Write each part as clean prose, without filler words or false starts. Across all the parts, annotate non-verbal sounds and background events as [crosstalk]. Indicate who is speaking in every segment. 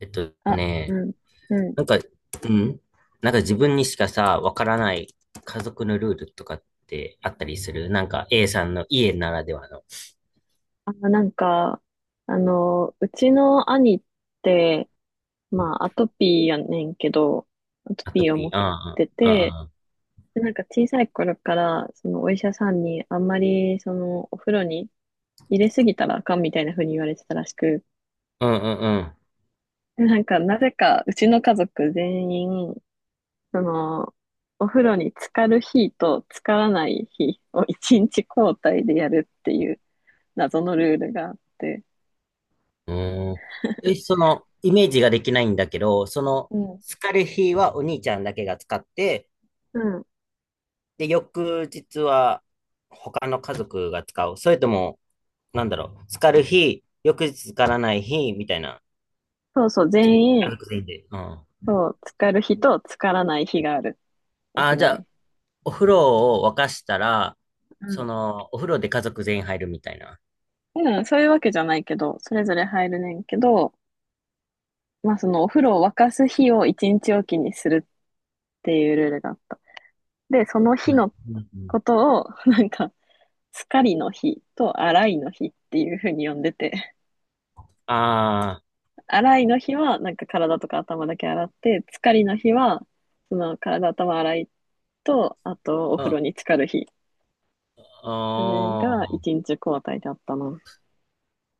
Speaker 1: えっと
Speaker 2: あ、
Speaker 1: ね、
Speaker 2: うん、うん。
Speaker 1: なんか、うん、なんか自分にしかさ、わからない家族のルールとかってあったりする、なんか A さんの家ならではの。
Speaker 2: あ、なんか、あの、うちの兄って、まあ、アトピーやねんけど、アト
Speaker 1: アト
Speaker 2: ピーを持
Speaker 1: ピ
Speaker 2: っ
Speaker 1: ー。うん
Speaker 2: て
Speaker 1: う
Speaker 2: て、
Speaker 1: ん
Speaker 2: でなんか小さい頃から、そのお医者さんにあんまり、その、お風呂に入れすぎたらあかんみたいな風に言われてたらしく、
Speaker 1: うんうん
Speaker 2: でなんか、なぜか、うちの家族全員、その、お風呂に浸かる日と浸からない日を一日交代でやるっていう謎のルールがあって、
Speaker 1: うんうんうんうん。え、その、イメージができないんだけど、その、
Speaker 2: うん。
Speaker 1: 疲れ日はお兄ちゃんだけが使って、
Speaker 2: うん
Speaker 1: で、翌日は他の家族が使う。それとも、なんだろう、疲れ日、翌日使わない日、みたいな。
Speaker 2: そうそう、全
Speaker 1: 家
Speaker 2: 員、
Speaker 1: 族全員で。うん。あ
Speaker 2: そう、浸かる日と浸からない日がある、お
Speaker 1: あ、
Speaker 2: 風
Speaker 1: じ
Speaker 2: 呂
Speaker 1: ゃ
Speaker 2: に。
Speaker 1: あ、お風呂を沸かしたら、
Speaker 2: う
Speaker 1: そ
Speaker 2: ん。
Speaker 1: の、お風呂で家族全員入るみたいな。
Speaker 2: うん、そういうわけじゃないけど、それぞれ入るねんけど、まあそのお風呂を沸かす日を一日おきにするっていうルールがあった。で、その日の
Speaker 1: うんうん。
Speaker 2: ことを、[laughs] なんか、浸かりの日と洗いの日っていうふうに呼んでて、
Speaker 1: あ
Speaker 2: [laughs] 洗いの日はなんか体とか頭だけ洗って、浸かりの日は、その体、頭洗いと、あとお
Speaker 1: あ、
Speaker 2: 風呂
Speaker 1: あ、
Speaker 2: に浸かる日。それ
Speaker 1: あ
Speaker 2: が
Speaker 1: あ、
Speaker 2: 一日交代だったな。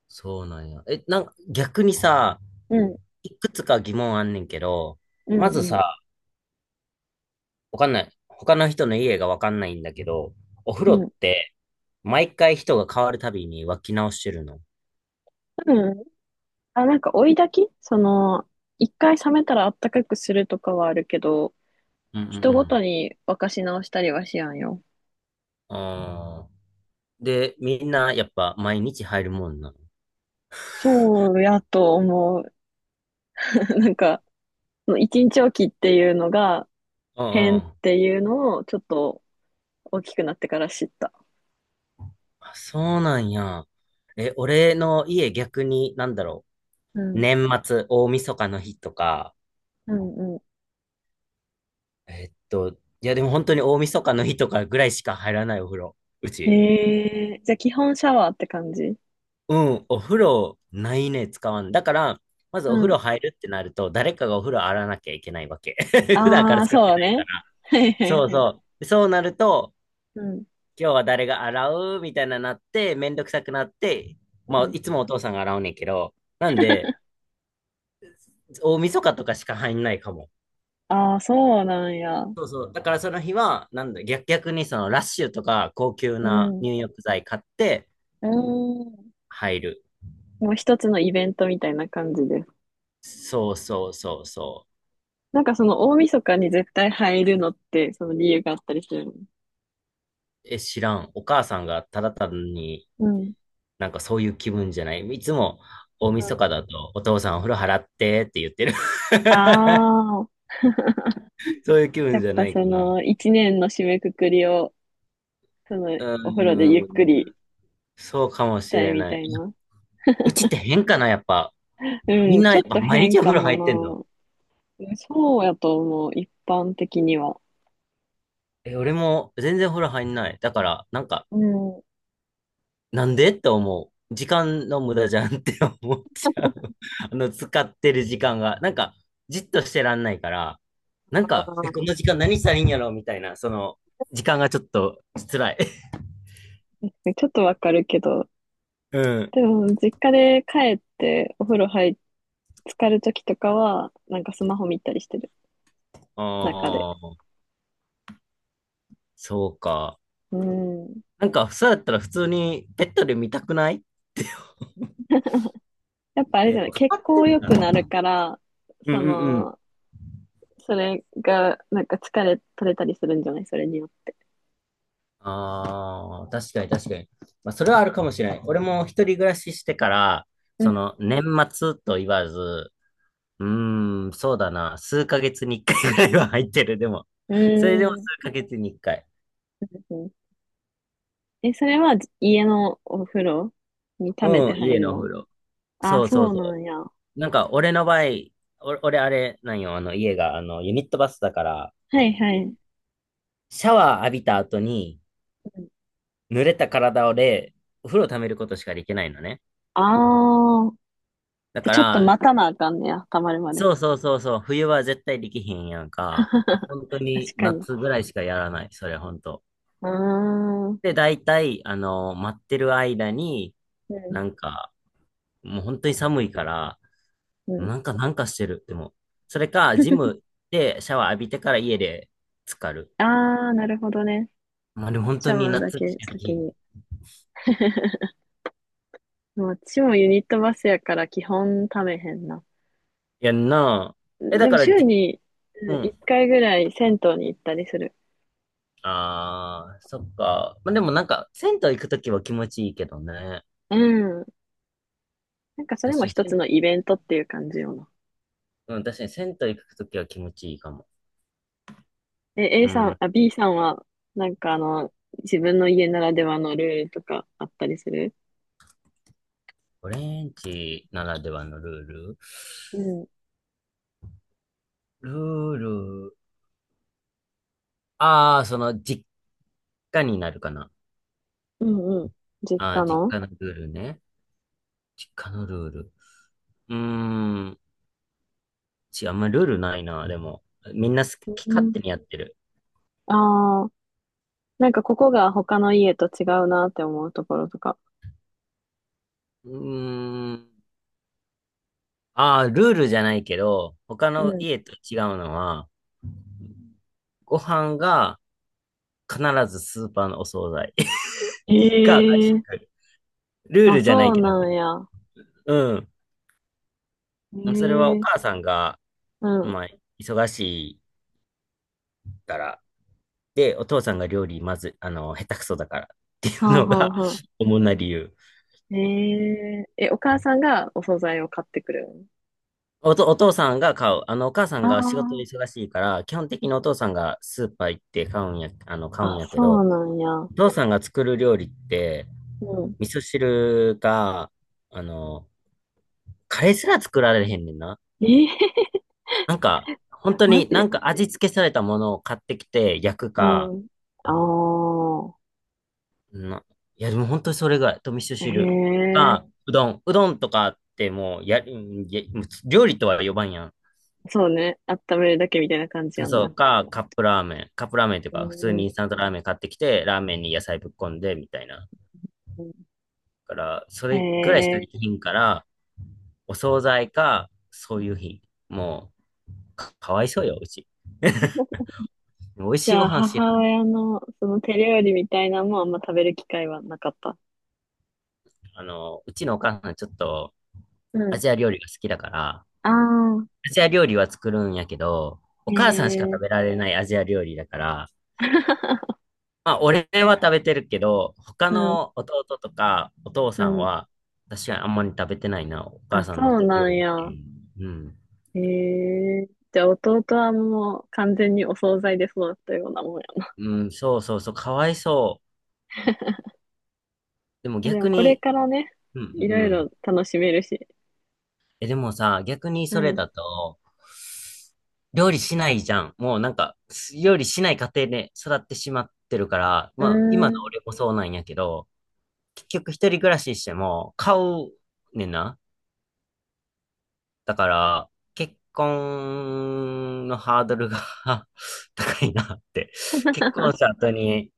Speaker 1: そうなんや。え、なんか、逆にさ、
Speaker 2: うん
Speaker 1: いくつか疑問あんねんけど、
Speaker 2: う
Speaker 1: まず
Speaker 2: んうん。
Speaker 1: さ、わかんない。他の人の家がわかんないんだけど、お風
Speaker 2: う
Speaker 1: 呂っ
Speaker 2: ん。
Speaker 1: て、毎回人が変わるたびに沸き直してるの。
Speaker 2: 多分、あ、なんか追い炊きその、一回冷めたらあったかくするとかはあるけど、
Speaker 1: うんう
Speaker 2: 人ごと
Speaker 1: ん
Speaker 2: に沸かし直したりはしやんよ。
Speaker 1: うん。ああ、で、みんなやっぱ毎日入るもんなの。
Speaker 2: そうやと思う。[laughs] なんか、その一日おきっていうのが
Speaker 1: うんう
Speaker 2: 変っ
Speaker 1: ん。
Speaker 2: ていうのをちょっと大きくなってから知った。
Speaker 1: あ、そうなんや。え、俺の家逆に、なんだろ
Speaker 2: う
Speaker 1: う。
Speaker 2: ん。
Speaker 1: 年末、大晦日の日とか、
Speaker 2: うんう
Speaker 1: えっと、いやでも本当に大晦日の日とかぐらいしか入らないお風呂。う
Speaker 2: ん。
Speaker 1: ち。
Speaker 2: えー、じゃあ基本シャワーって感じ。
Speaker 1: うん、お風呂ないね、使わん。だから、まず
Speaker 2: う
Speaker 1: お風
Speaker 2: ん。
Speaker 1: 呂入るってなると、誰かがお風呂洗わなきゃいけないわけ。[laughs] 普段か
Speaker 2: あ
Speaker 1: ら
Speaker 2: あ、
Speaker 1: 使っ
Speaker 2: そう
Speaker 1: て
Speaker 2: だ
Speaker 1: ないか
Speaker 2: ね。
Speaker 1: ら。
Speaker 2: はいはい
Speaker 1: そう
Speaker 2: はい。
Speaker 1: そう。そうなると、
Speaker 2: うん。
Speaker 1: 今日は誰が洗うみたいななって、めんどくさくなって、ま
Speaker 2: う
Speaker 1: あ、
Speaker 2: ん。
Speaker 1: いつもお父さんが洗うねんけど、なんで、大晦日とかしか入んないかも。
Speaker 2: ああ、そうなんや。
Speaker 1: そうそう。だからその日は、なんだ、逆にそのラッシュとか高級
Speaker 2: う
Speaker 1: な
Speaker 2: ん。
Speaker 1: 入浴剤買って
Speaker 2: うん。
Speaker 1: 入る。
Speaker 2: もう一つのイベントみたいな感じです。
Speaker 1: そうそうそうそう。
Speaker 2: なんかその大晦日に絶対入るのって、その理由があったりするの。
Speaker 1: え、知らん。お母さんがただ単に
Speaker 2: うん。
Speaker 1: なんかそういう気分じゃない。いつも大
Speaker 2: う
Speaker 1: 晦日
Speaker 2: ん。
Speaker 1: だとお父さんお風呂払ってって言ってる。[laughs]
Speaker 2: ああ、[laughs]
Speaker 1: そういう気
Speaker 2: や
Speaker 1: 分
Speaker 2: っ
Speaker 1: じゃ
Speaker 2: ぱ
Speaker 1: ない
Speaker 2: そ
Speaker 1: かな。
Speaker 2: の一年の締めくくりを、その
Speaker 1: う
Speaker 2: お風呂でゆっく
Speaker 1: ー
Speaker 2: り
Speaker 1: ん。そうかも
Speaker 2: し
Speaker 1: し
Speaker 2: たい
Speaker 1: れ
Speaker 2: み
Speaker 1: な
Speaker 2: た
Speaker 1: い。
Speaker 2: いな。
Speaker 1: うちって変かな、やっぱ。
Speaker 2: う
Speaker 1: みん
Speaker 2: ん、
Speaker 1: な
Speaker 2: ち
Speaker 1: や
Speaker 2: ょ
Speaker 1: っ
Speaker 2: っ
Speaker 1: ぱ
Speaker 2: と
Speaker 1: 毎
Speaker 2: 変
Speaker 1: 日お
Speaker 2: か
Speaker 1: 風呂入ってんの。
Speaker 2: もな。うんそうやと思う、一般的には。
Speaker 1: え、俺も全然お風呂入んない。だから、なんか、
Speaker 2: うん。
Speaker 1: なんでって思う。時間の無駄じゃんって [laughs] 思っちゃう。[laughs] 使ってる時間が。なんか、じっとしてらんないから、なん
Speaker 2: あ
Speaker 1: か、え、この
Speaker 2: ー、
Speaker 1: 時間何したらいいんやろみたいな、その、時間がちょっと辛い。[laughs]
Speaker 2: ちょっとわかるけど、
Speaker 1: うん。
Speaker 2: でも実家で帰ってお風呂入っ、浸かるときとかは、なんかスマホ見たりしてる、
Speaker 1: [laughs]
Speaker 2: 中で。
Speaker 1: ああ、そうか。
Speaker 2: うん。
Speaker 1: なんか、そうやったら普通にベッドで見たくない。
Speaker 2: やっぱあれ
Speaker 1: え、[laughs]
Speaker 2: じ
Speaker 1: や
Speaker 2: ゃ
Speaker 1: っ
Speaker 2: ない、
Speaker 1: ぱか
Speaker 2: 血
Speaker 1: かって
Speaker 2: 行
Speaker 1: る。
Speaker 2: 良くなるから、
Speaker 1: うん
Speaker 2: そ
Speaker 1: うんうん。
Speaker 2: の、それが、なんか疲れ取れたりするんじゃない、それによって。
Speaker 1: ああ、確かに確かに。まあ、それはあるかもしれない。俺も一人暮らししてから、
Speaker 2: う
Speaker 1: そ
Speaker 2: ん。
Speaker 1: の、年末と言わず、うーん、そうだな。数ヶ月に一回ぐらいは入ってる、でも。
Speaker 2: う
Speaker 1: [laughs] それでも数
Speaker 2: ーん。
Speaker 1: ヶ月に一回。
Speaker 2: え、それは家のお風呂に溜めて
Speaker 1: うん、
Speaker 2: 入
Speaker 1: 家
Speaker 2: る
Speaker 1: のお風
Speaker 2: の。
Speaker 1: 呂。
Speaker 2: あ、
Speaker 1: そうそう
Speaker 2: そう
Speaker 1: そ
Speaker 2: なんや。は
Speaker 1: う。なんか、俺の場合、俺、あれ、なんよ、あの、家が、ユニットバスだから、
Speaker 2: いはい。
Speaker 1: シャワー浴びた後に、濡れた体で、お風呂溜めることしかできないのね。
Speaker 2: ああー。
Speaker 1: だ
Speaker 2: じゃ、
Speaker 1: か
Speaker 2: ちょっと
Speaker 1: ら、
Speaker 2: 待たなあかんねや、溜まるまで。
Speaker 1: そうそうそうそう、冬は絶対できへんやん
Speaker 2: [laughs]
Speaker 1: か。
Speaker 2: 確
Speaker 1: 本当に
Speaker 2: かに。
Speaker 1: 夏ぐらいしかやらない、それ、本当。
Speaker 2: ああ。うん。
Speaker 1: で、大体、待ってる間に、なんか、もう本当に寒いから、
Speaker 2: うん。
Speaker 1: なんか、なんかしてる。でも、それか、ジムでシャワー浴びてから家で浸かる。
Speaker 2: ああ、なるほどね。
Speaker 1: まあでも本
Speaker 2: シ
Speaker 1: 当
Speaker 2: ャ
Speaker 1: に
Speaker 2: ワーだ
Speaker 1: 夏
Speaker 2: け
Speaker 1: しかできへ
Speaker 2: 先
Speaker 1: ん。い
Speaker 2: に。[laughs] まあ私もユニットバスやから基本ためへんな。
Speaker 1: やんなぁ。え、だ
Speaker 2: でも
Speaker 1: から
Speaker 2: 週
Speaker 1: じ、
Speaker 2: にう
Speaker 1: う
Speaker 2: ん1
Speaker 1: ん。
Speaker 2: 回ぐらい銭湯に行ったりする。
Speaker 1: ああ、そっか。まあでもなんか、銭湯行くときは気持ちいいけどね。
Speaker 2: うん。なんかそれ
Speaker 1: 確
Speaker 2: も
Speaker 1: かに、
Speaker 2: 一
Speaker 1: 銭
Speaker 2: つの
Speaker 1: 湯。
Speaker 2: イベントっていう感じよな。
Speaker 1: うん、確かに銭湯行くときは気持ちいいかも。
Speaker 2: え、A
Speaker 1: う
Speaker 2: さん、
Speaker 1: ん。
Speaker 2: あ、B さんは、なんかあの、自分の家ならではのルールとかあったりする。
Speaker 1: オレンジならではのルール
Speaker 2: うん。
Speaker 1: ルール。ああ、その、実家になるかな。
Speaker 2: うんうん。実
Speaker 1: あ
Speaker 2: 家
Speaker 1: あ、実
Speaker 2: の。
Speaker 1: 家のルールね。実家のルール。うーん。あんまルールないな、でも。みんな好
Speaker 2: う
Speaker 1: き勝
Speaker 2: ん。
Speaker 1: 手にやってる。
Speaker 2: ああ、なんかここが他の家と違うなって思うところとか。
Speaker 1: うーん。ああ、ルールじゃないけど、他
Speaker 2: う
Speaker 1: の
Speaker 2: ん。
Speaker 1: 家と違うのは、ご飯が必ずスーパーのお惣菜 [laughs] か外
Speaker 2: ええ、
Speaker 1: 食 [laughs]。ルー
Speaker 2: あ、
Speaker 1: ルじゃない
Speaker 2: そう
Speaker 1: けど
Speaker 2: な
Speaker 1: ね。
Speaker 2: んや。
Speaker 1: うん。それはお
Speaker 2: え
Speaker 1: 母
Speaker 2: え、
Speaker 1: さんが、
Speaker 2: うん。は
Speaker 1: まあ、忙しいから。で、お父さんが料理まず、下手くそだからってい
Speaker 2: あ
Speaker 1: うの
Speaker 2: はあ
Speaker 1: が
Speaker 2: はあ。
Speaker 1: [laughs] 主な理由。
Speaker 2: えええ、お母さんがお惣菜を買ってくるん。
Speaker 1: お父さんが買う。お母さんが仕事で
Speaker 2: あ
Speaker 1: 忙しいから、基本的にお父さんがスーパー行って買うんや、買う
Speaker 2: あ、
Speaker 1: ん
Speaker 2: あ、
Speaker 1: やけ
Speaker 2: そう
Speaker 1: ど、
Speaker 2: なんや。
Speaker 1: お父さんが作る料理って、
Speaker 2: うん。
Speaker 1: 味噌汁が、あの、カレーすら作られへんねんな。
Speaker 2: ええ [laughs]
Speaker 1: なんか、本当
Speaker 2: マ
Speaker 1: になん
Speaker 2: ジ。
Speaker 1: か味付けされたものを買ってきて焼くか、
Speaker 2: うん。あ
Speaker 1: な、いや、でも本当にそれぐらい。と味噌
Speaker 2: あ、
Speaker 1: 汁
Speaker 2: ええ、
Speaker 1: か、うどん。うどんとかってもう、や、んや料理とは呼ばんやん。
Speaker 2: そうね。温めるだけみたいな感じやん
Speaker 1: そ
Speaker 2: な。
Speaker 1: うか、カップラーメン。カップラーメンっていう
Speaker 2: う
Speaker 1: か、普通に
Speaker 2: ん。
Speaker 1: インスタントラーメン買ってきて、ラーメンに野菜ぶっこんで、みたいな。だから、そ
Speaker 2: へ
Speaker 1: れぐらいしかでき
Speaker 2: え。
Speaker 1: ひんから、お惣菜か、そういう日。もう、かわいそうよ、うち。美味
Speaker 2: じ
Speaker 1: しい
Speaker 2: ゃ
Speaker 1: ご
Speaker 2: あ、
Speaker 1: 飯知ら
Speaker 2: 母
Speaker 1: ん。
Speaker 2: 親のその手料理みたいなのもあんま食べる機会はなかった。
Speaker 1: うちのお母さんちょっと、
Speaker 2: う
Speaker 1: ア
Speaker 2: ん。
Speaker 1: ジア料理が好きだから、
Speaker 2: ああ、
Speaker 1: アジア料理は作るんやけど、
Speaker 2: へ
Speaker 1: お母さんしか食
Speaker 2: え、
Speaker 1: べられないアジア料理だから、まあ、俺は食べてるけど、他
Speaker 2: うん、
Speaker 1: の弟とかお父
Speaker 2: う
Speaker 1: さん
Speaker 2: ん。
Speaker 1: は、確かにあんまり食べてないな、お母
Speaker 2: あ、
Speaker 1: さんの
Speaker 2: そう
Speaker 1: 手
Speaker 2: な
Speaker 1: 料
Speaker 2: ん
Speaker 1: 理って
Speaker 2: や。
Speaker 1: いう。うん。
Speaker 2: へえ、じゃあ弟はもう完全にお惣菜で育ったようなもんや
Speaker 1: うん、そうそうそう、かわいそう。でも
Speaker 2: な。でも
Speaker 1: 逆
Speaker 2: これ
Speaker 1: に、
Speaker 2: からね、
Speaker 1: うん、
Speaker 2: い
Speaker 1: う
Speaker 2: ろいろ
Speaker 1: ん。
Speaker 2: 楽しめるし。
Speaker 1: え、でもさ、逆に
Speaker 2: う
Speaker 1: それ
Speaker 2: ん。
Speaker 1: だと、料理しないじゃん。もうなんか、料理しない家庭で育ってしまってるから、
Speaker 2: う
Speaker 1: まあ、今の
Speaker 2: ーん。
Speaker 1: 俺もそうなんやけど、結局一人暮らししても、買うねんな。だから、結婚のハードルが [laughs] 高いなって。結婚した後に、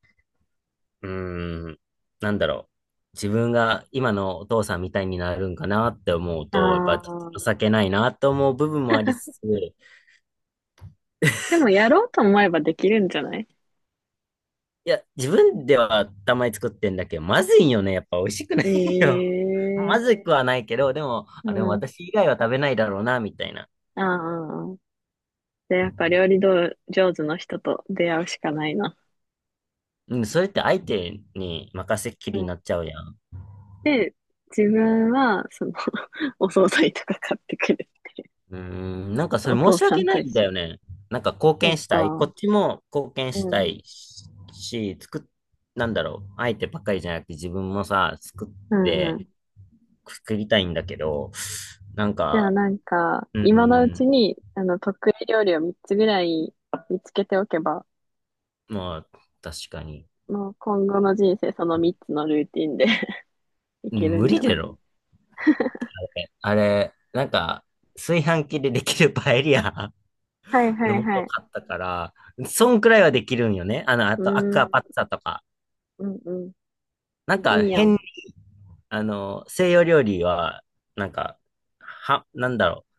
Speaker 1: うーん、なんだろう。自分が今のお父さんみたいになるんかなって思う
Speaker 2: あ
Speaker 1: と、やっぱちょっと情
Speaker 2: あ。
Speaker 1: けないなと思う部分もありつつ、い
Speaker 2: でもやろうと思えばできるんじゃない。
Speaker 1: や、自分ではたまに作ってんだけど、まずいよね。やっぱ美味しくないよ。
Speaker 2: え
Speaker 1: [laughs]
Speaker 2: え、
Speaker 1: まずくはないけど、でも、
Speaker 2: う
Speaker 1: あ、でも
Speaker 2: ん。
Speaker 1: 私以外は食べないだろうな、みたいな。
Speaker 2: ああ。で、やっぱ料理道上手の人と出会うしかないな。
Speaker 1: うん、それって相手に任せっき
Speaker 2: う
Speaker 1: りにな
Speaker 2: ん。
Speaker 1: っちゃうやん。
Speaker 2: で、自分は、その [laughs] お惣菜とか買ってくるっていう。
Speaker 1: うーん、なんかそ
Speaker 2: お
Speaker 1: れ申
Speaker 2: 父
Speaker 1: し
Speaker 2: さ
Speaker 1: 訳
Speaker 2: ん
Speaker 1: な
Speaker 2: と
Speaker 1: い
Speaker 2: 一
Speaker 1: んだ
Speaker 2: 緒。
Speaker 1: よね。なんか貢
Speaker 2: そっ
Speaker 1: 献したい。こ
Speaker 2: か。
Speaker 1: っちも貢献し
Speaker 2: う
Speaker 1: た
Speaker 2: ん。
Speaker 1: いし、し作っ、なんだろう。相手ばっかりじゃなくて自分もさ、作
Speaker 2: う
Speaker 1: っ
Speaker 2: んう
Speaker 1: て、
Speaker 2: ん。
Speaker 1: 作りたいんだけど、なん
Speaker 2: じゃあ
Speaker 1: か、
Speaker 2: なんか、
Speaker 1: う
Speaker 2: 今のう
Speaker 1: ー
Speaker 2: ち
Speaker 1: ん、
Speaker 2: に、あの、得意料理を3つぐらい見つけておけば、
Speaker 1: まあ、確かに。
Speaker 2: もう今後の人生その3つのルーティンで [laughs] い
Speaker 1: う
Speaker 2: け
Speaker 1: ん
Speaker 2: る
Speaker 1: 無
Speaker 2: んじ
Speaker 1: 理
Speaker 2: ゃ
Speaker 1: だ
Speaker 2: ない。
Speaker 1: ろ。あれ、なんか、炊飯器でできるパエリア
Speaker 2: はい
Speaker 1: [laughs]
Speaker 2: は
Speaker 1: の
Speaker 2: いは
Speaker 1: 素
Speaker 2: い。
Speaker 1: 買ったから、そんくらいはできるんよね。あ
Speaker 2: うー
Speaker 1: とアクア
Speaker 2: ん、
Speaker 1: パッツァとか。
Speaker 2: うんうん。
Speaker 1: なんか
Speaker 2: いいや
Speaker 1: 変
Speaker 2: ん。
Speaker 1: 西洋料理は、なんか、は、なんだろう。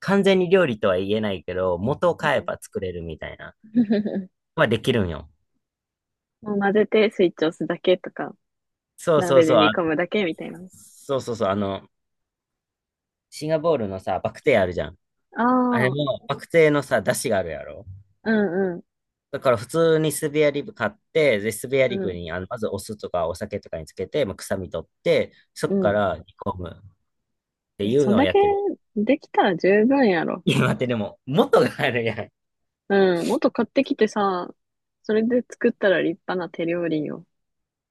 Speaker 1: 完全に料理とは言えないけど、元を
Speaker 2: う
Speaker 1: 買え
Speaker 2: ん。
Speaker 1: ば作れるみたいな。
Speaker 2: [laughs]
Speaker 1: はできるんよ。
Speaker 2: もう混ぜてスイッチ押すだけとか、
Speaker 1: そうそう
Speaker 2: 鍋
Speaker 1: そ
Speaker 2: で
Speaker 1: う。
Speaker 2: 煮
Speaker 1: あ、
Speaker 2: 込むだけみたいな。
Speaker 1: そうそうそう。シンガポールのさ、バクテーあるじゃん。
Speaker 2: あ
Speaker 1: あれ
Speaker 2: あ、
Speaker 1: も、バクテーのさ、出汁があるやろ。
Speaker 2: うんうん、
Speaker 1: だから普通にスペアリブ買って、で、スペア
Speaker 2: う
Speaker 1: リブ
Speaker 2: ん、
Speaker 1: に、まずお酢とかお酒とかにつけて、まあ、臭み取って、そ
Speaker 2: う
Speaker 1: っか
Speaker 2: ん。
Speaker 1: ら煮込むって
Speaker 2: え、
Speaker 1: いう
Speaker 2: そん
Speaker 1: のを
Speaker 2: だ
Speaker 1: やっ
Speaker 2: け
Speaker 1: てる。
Speaker 2: できたら十分やろ。
Speaker 1: 今ってでも、元があるやん。
Speaker 2: うん、もっと買ってきてさ、それで作ったら立派な手料理よ。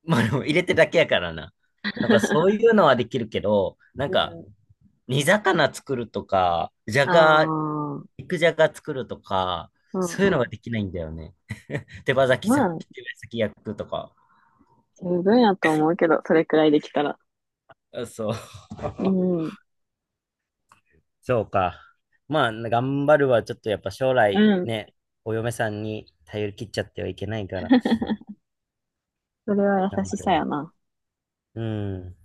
Speaker 1: まあ、でも入れてるだけやからな。なんかそうい
Speaker 2: [laughs]
Speaker 1: うのはできるけど、なん
Speaker 2: う
Speaker 1: か
Speaker 2: ん、
Speaker 1: 煮魚作るとか、じゃ
Speaker 2: あ
Speaker 1: が、
Speaker 2: あ、うん
Speaker 1: 肉じゃが作るとか、
Speaker 2: う
Speaker 1: そういうのは
Speaker 2: ん。
Speaker 1: できないんだよね。手羽先
Speaker 2: ま
Speaker 1: さ、
Speaker 2: あ、
Speaker 1: 手羽先焼くとか。
Speaker 2: 十分やと思うけど、それくらいできたら。
Speaker 1: あそう。
Speaker 2: う
Speaker 1: [laughs]
Speaker 2: ん、
Speaker 1: そうか。まあ、頑張るはちょっとやっぱ将
Speaker 2: う
Speaker 1: 来
Speaker 2: ん。
Speaker 1: ね、お嫁さんに頼り切っちゃってはいけないから、
Speaker 2: [laughs] それは
Speaker 1: 頑
Speaker 2: 優し
Speaker 1: 張
Speaker 2: さ
Speaker 1: る。
Speaker 2: やな。
Speaker 1: うん、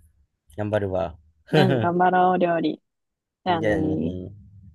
Speaker 1: 頑張るわ。
Speaker 2: うん、
Speaker 1: [laughs]
Speaker 2: 頑張ろう、料理。じゃあ
Speaker 1: じ
Speaker 2: ね
Speaker 1: ゃあ
Speaker 2: ー。
Speaker 1: ね。